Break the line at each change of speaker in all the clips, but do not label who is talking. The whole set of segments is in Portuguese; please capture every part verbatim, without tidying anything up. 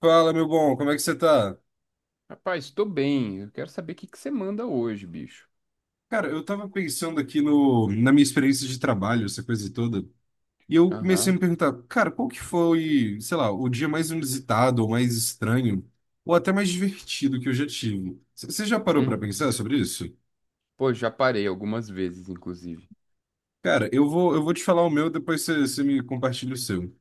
Fala, meu bom, como é que você tá?
Rapaz, estou bem. Eu quero saber o que que você manda hoje, bicho.
Cara, eu tava pensando aqui no, na minha experiência de trabalho, essa coisa toda, e eu comecei a
Aham.
me perguntar, cara, qual que foi, sei lá, o dia mais inusitado, ou mais estranho, ou até mais divertido que eu já tive? C- Você já parou pra
Uhum.
pensar sobre isso?
Pô, já parei algumas vezes, inclusive.
Cara, eu vou, eu vou te falar o meu, depois você, você me compartilha o seu.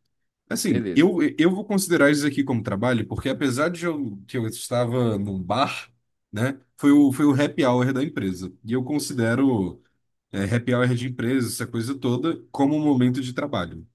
Assim,
Beleza.
eu, eu vou considerar isso aqui como trabalho, porque apesar de eu, que eu estava num bar, né, foi o, foi o happy hour da empresa, e eu considero. É, happy hour de empresa, essa coisa toda, como um momento de trabalho.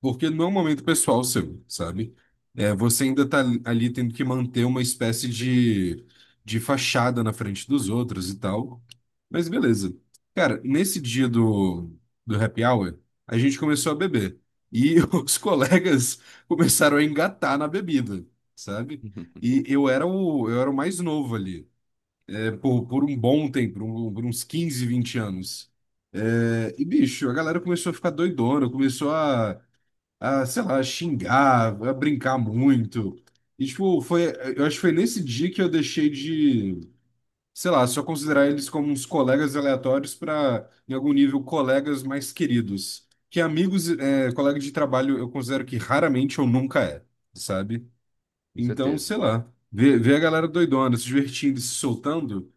Porque não é um momento pessoal seu, sabe? É, você ainda tá ali tendo que manter uma espécie de, de fachada na frente dos outros e tal. Mas beleza. Cara, nesse dia do, do happy hour, a gente começou a beber. E os colegas começaram a engatar na bebida, sabe? E eu era o, eu era o mais novo ali por, por um bom tempo, por, um- por uns quinze, vinte anos. É, e, bicho, a galera começou a ficar doidona, começou a, a, sei lá, xingar, a brincar muito. E, tipo, foi, eu acho que foi nesse dia que eu deixei de, sei lá, só considerar eles como uns colegas aleatórios para, em algum nível, colegas mais queridos. Que amigos, é, colega de trabalho, eu considero que raramente ou nunca é, sabe?
Com
Então,
certeza.
sei lá, ver, ver a galera doidona, se divertindo, e se soltando.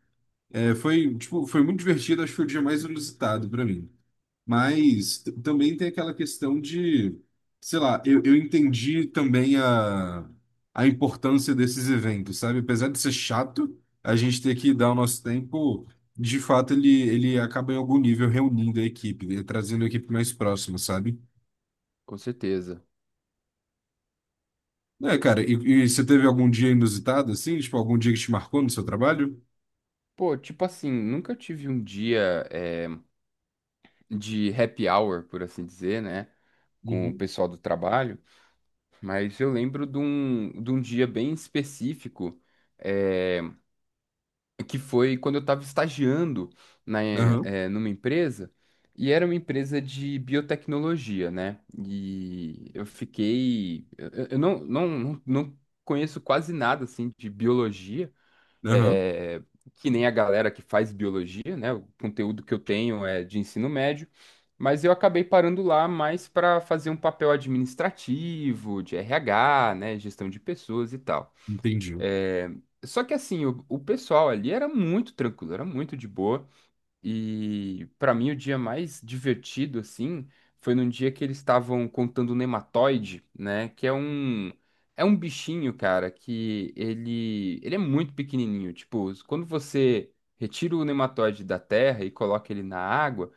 É, foi, tipo, foi muito divertido, acho que foi o dia mais inusitado para mim. Mas t- também tem aquela questão de, sei lá, eu, eu entendi também a, a importância desses eventos, sabe? Apesar de ser chato, a gente ter que dar o nosso tempo, de fato ele, ele acaba em algum nível reunindo a equipe, né? Trazendo a equipe mais próxima, sabe?
Com certeza.
É, cara, e, e você teve algum dia inusitado, assim? Tipo, algum dia que te marcou no seu trabalho?
Pô, tipo assim, nunca tive um dia eh, de happy hour, por assim dizer, né? Com o
Uhum.
pessoal do trabalho, mas eu lembro de um, de um dia bem específico. eh, que foi quando eu estava estagiando na, eh,
Aham,
eh, numa empresa, e era uma empresa de biotecnologia, né? E eu fiquei. Eu, eu- eu não, não, não não conheço quase nada assim de biologia,
aham,
eh, que nem a galera que faz biologia, né? O conteúdo que eu tenho é de ensino médio. Mas eu acabei parando lá mais para fazer um papel administrativo, de R H, né, gestão de pessoas e tal.
entendi.
É, só que assim, o, o pessoal ali era muito tranquilo, era muito de boa. E para mim o dia mais divertido assim foi num dia que eles estavam contando o nematoide, né, que é um é um bichinho, cara, que ele ele é muito pequenininho, tipo, quando você retira o nematoide da terra e coloca ele na água,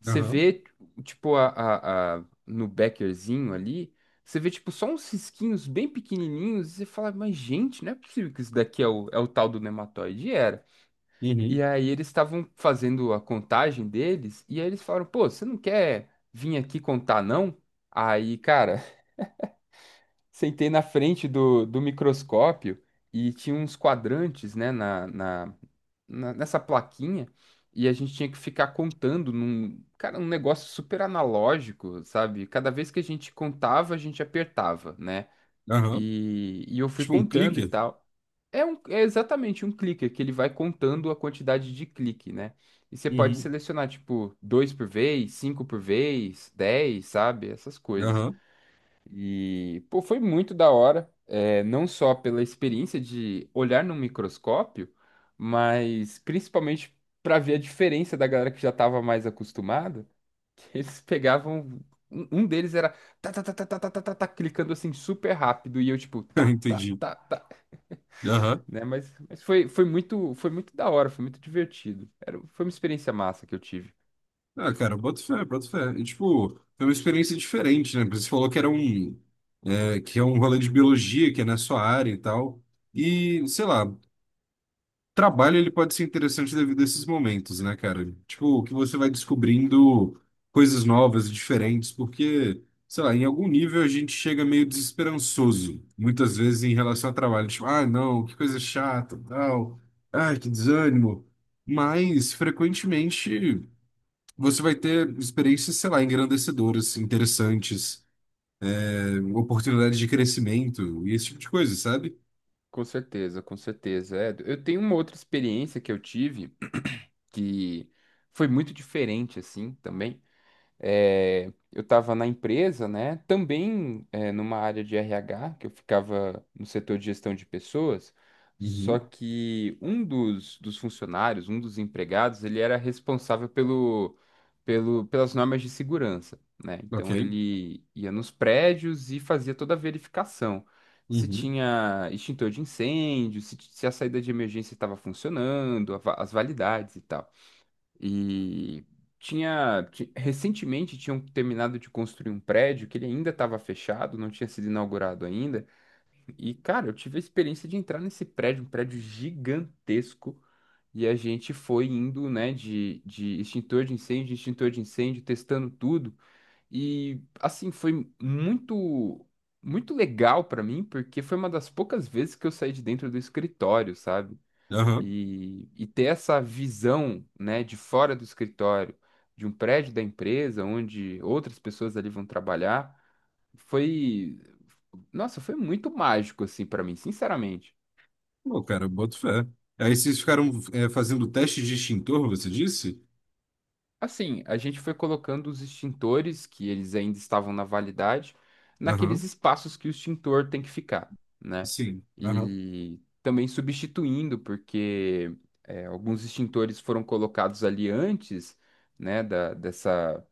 você
Aham,
vê tipo a, a, a- no beckerzinho ali, você vê tipo só uns risquinhos bem pequenininhos e você fala, mas gente, não é possível que isso daqui é o, é o tal do nematoide. E era. E
uhum.
aí eles estavam fazendo a contagem deles, e aí eles falaram, pô, você não quer vir aqui contar, não? Aí, cara, sentei na frente do, do microscópio e tinha uns quadrantes, né, na, na, na- nessa plaquinha, e a gente tinha que ficar contando num, cara, um negócio super analógico, sabe? Cada vez que a gente contava, a gente apertava, né?
Aham.
E, e eu fui
Tipo um
contando e
clicker?
tal. É, um, é exatamente um clicker que ele vai contando a quantidade de clique, né? E você pode
Uhum.
selecionar, tipo, dois por vez, cinco por vez, dez, sabe? Essas coisas.
Aham,
E, pô, foi muito da hora, é, não só pela experiência de olhar num microscópio, mas principalmente para ver a diferença da galera que já estava mais acostumada eles pegavam. Um um deles era tá, tá, tá, tá, tá, tá, tá, tá, tá, clicando assim super rápido. E eu, tipo, tá, tá,
entendi.
tá, tá.
Aham.
Né? Mas, mas foi, foi muito, foi muito da hora, foi muito divertido. Era, foi uma experiência massa que eu tive.
Ah, cara, boto fé, boto fé. E, tipo, foi uma experiência diferente, né? Porque você falou que era um... é, que é um rolê de biologia, que é na sua área e tal. E, sei lá, trabalho ele pode ser interessante devido a esses momentos, né, cara? Tipo, que você vai descobrindo coisas novas, diferentes, porque, sei lá, em algum nível a gente chega meio desesperançoso, muitas vezes em relação ao trabalho. Tipo, ah, não, que coisa chata, tal. Ai, que desânimo. Mas, frequentemente, você vai ter experiências, sei lá, engrandecedoras, interessantes, eh, oportunidades de crescimento e esse tipo de coisa, sabe?
Com certeza, com certeza. É, eu tenho uma outra experiência que eu tive que foi muito diferente, assim, também. É, eu estava na empresa, né? Também é, numa área de R H, que eu ficava no setor de gestão de pessoas, só
Uhum.
que um dos, dos funcionários, um dos empregados, ele era responsável pelo, pelo, pelas normas de segurança, né?
Ok.
Então ele ia nos prédios e fazia toda a verificação. Se
Uhum.
tinha extintor de incêndio, se, se a saída de emergência estava funcionando, a va- as validades e tal. E tinha, ti- recentemente tinham terminado de construir um prédio que ele ainda estava fechado, não tinha sido inaugurado ainda. E, cara, eu tive a experiência de entrar nesse prédio, um prédio gigantesco. E a gente foi indo, né, de, de extintor de incêndio, extintor de incêndio, testando tudo. E, assim, foi muito, muito legal para mim, porque foi uma das poucas vezes que eu saí de dentro do escritório, sabe?
Aham.
E, e ter essa visão, né, de fora do escritório, de um prédio da empresa, onde outras pessoas ali vão trabalhar, foi, nossa, foi muito mágico, assim, para mim, sinceramente.
Pô, cara, boto fé. Aí vocês ficaram é, fazendo teste de extintor, você disse?
Assim, a gente foi colocando os extintores, que eles ainda estavam na validade, naqueles
Aham.
espaços que o extintor tem que ficar, né?
Sim. Aham.
E também substituindo, porque é, alguns extintores foram colocados ali antes, né, da, dessa.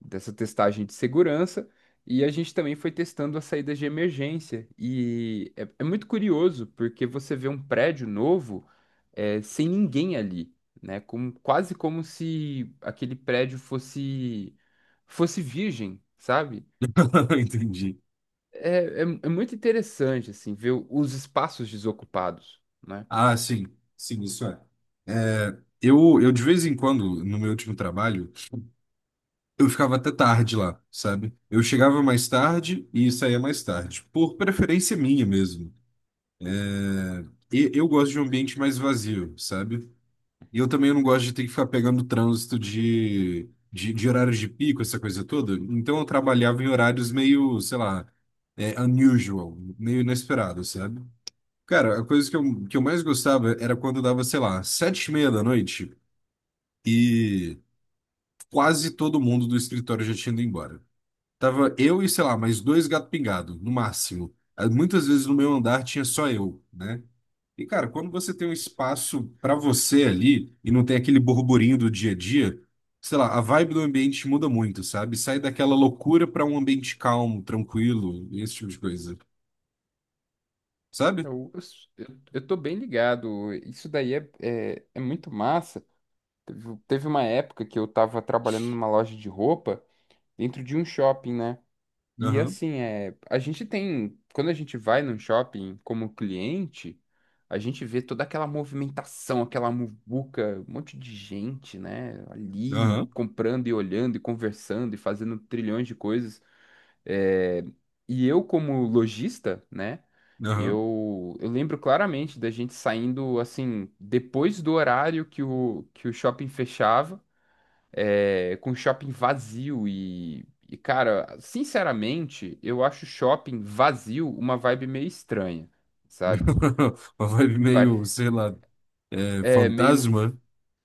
Dessa testagem de segurança e a gente também foi testando as saídas de emergência. E é, é muito curioso porque você vê um prédio novo é, sem ninguém ali, né? Como, quase como se aquele prédio fosse fosse virgem, sabe?
Entendi.
É, é, é muito interessante assim ver o- os espaços desocupados, né?
Ah, sim. Sim, isso é. É, eu, eu, de vez em quando, no meu último trabalho, eu ficava até tarde lá, sabe? Eu chegava mais tarde e saía mais tarde, por preferência minha mesmo. E eu gosto de um ambiente mais vazio, sabe? E eu também não gosto de ter que ficar pegando trânsito de, de, de horários de pico, essa coisa toda. Então eu trabalhava em horários meio, sei lá, é, unusual, meio inesperado, sabe? Cara, a coisa que eu, que eu mais gostava era quando dava, sei lá, sete e meia da noite e quase todo mundo do escritório já tinha ido embora. Tava eu e, sei lá, mais dois gato pingado, no máximo. Ah, muitas vezes no meu andar tinha só eu, né? E, cara, quando você tem um espaço pra você ali e não tem aquele burburinho do dia a dia, sei lá, a vibe do ambiente muda muito, sabe? Sai daquela loucura pra um ambiente calmo, tranquilo, esse tipo de coisa, sabe?
Eu, eu, s- eu eu tô bem ligado. Isso daí é, é, é muito massa. Teve teve uma época que eu tava trabalhando numa loja de roupa dentro de um shopping, né? E
Aham,
assim, é, a gente tem, quando a gente vai num shopping como cliente, a gente vê toda aquela movimentação, aquela muvuca, um monte de gente, né? Ali
aham,
comprando e olhando e conversando e fazendo trilhões de coisas. É, e eu, como lojista, né?
aham.
Eu, eu lembro claramente da gente saindo assim, depois do horário que o, que o shopping fechava, é, com shopping vazio e, e, cara, sinceramente, eu acho shopping vazio uma vibe meio estranha, sabe?
Uma vibe meio,
Pare-
sei lá, é,
É meio,
fantasma.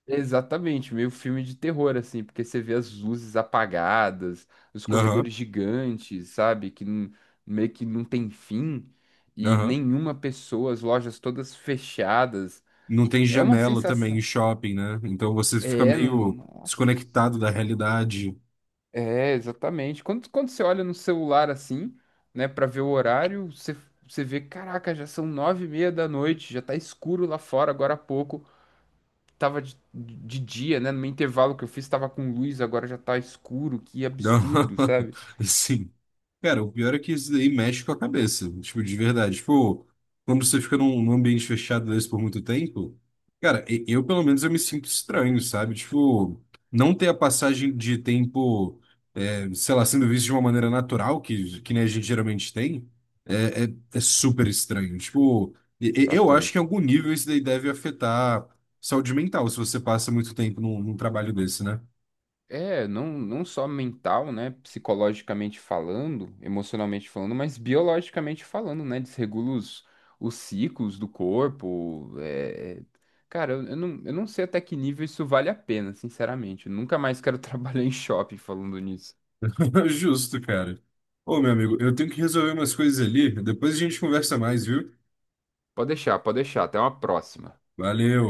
exatamente, meio filme de terror, assim, porque você vê as luzes apagadas, os corredores
Aham,
gigantes, sabe? Que não- Meio que não tem fim, e
aham.
nenhuma pessoa, as lojas todas fechadas.
Não tem
É uma
janela também em
sensação.
shopping, né? Então você fica
É, não,
meio
nossa.
desconectado da realidade.
É, exatamente. Quando, quando você olha no celular assim, né, pra ver o horário, você, você vê, caraca, já são nove e meia da noite, já tá escuro lá fora agora há pouco. Tava de, de dia, né? No meu intervalo que eu fiz, tava com luz, agora já tá escuro. Que
Não,
absurdo, sabe?
assim, cara, o pior é que isso daí mexe com a cabeça, tipo, de verdade. Tipo, quando você fica num, num ambiente fechado desse por muito tempo, cara, e- eu pelo menos eu me sinto estranho, sabe? Tipo, não ter a passagem de tempo. Sei lá, sendo visto de uma maneira natural, que, que nem a gente geralmente tem, é, é, é super estranho. Tipo, e- e- eu acho que em
Bastante.
algum nível isso daí deve afetar saúde mental, se você passa muito tempo num, num trabalho desse, né?
É, não, não só mental, né? Psicologicamente falando, emocionalmente falando, mas biologicamente falando, né? Desregula os, os ciclos do corpo. é- Cara, eu, eu não, eu não sei até que nível isso vale a pena, sinceramente. Eu nunca mais quero trabalhar em shopping falando nisso.
Justo, cara. Ô, meu amigo, eu tenho que resolver umas coisas ali, depois a gente conversa mais, viu?
Pode deixar, pode deixar. Até uma próxima.
Valeu!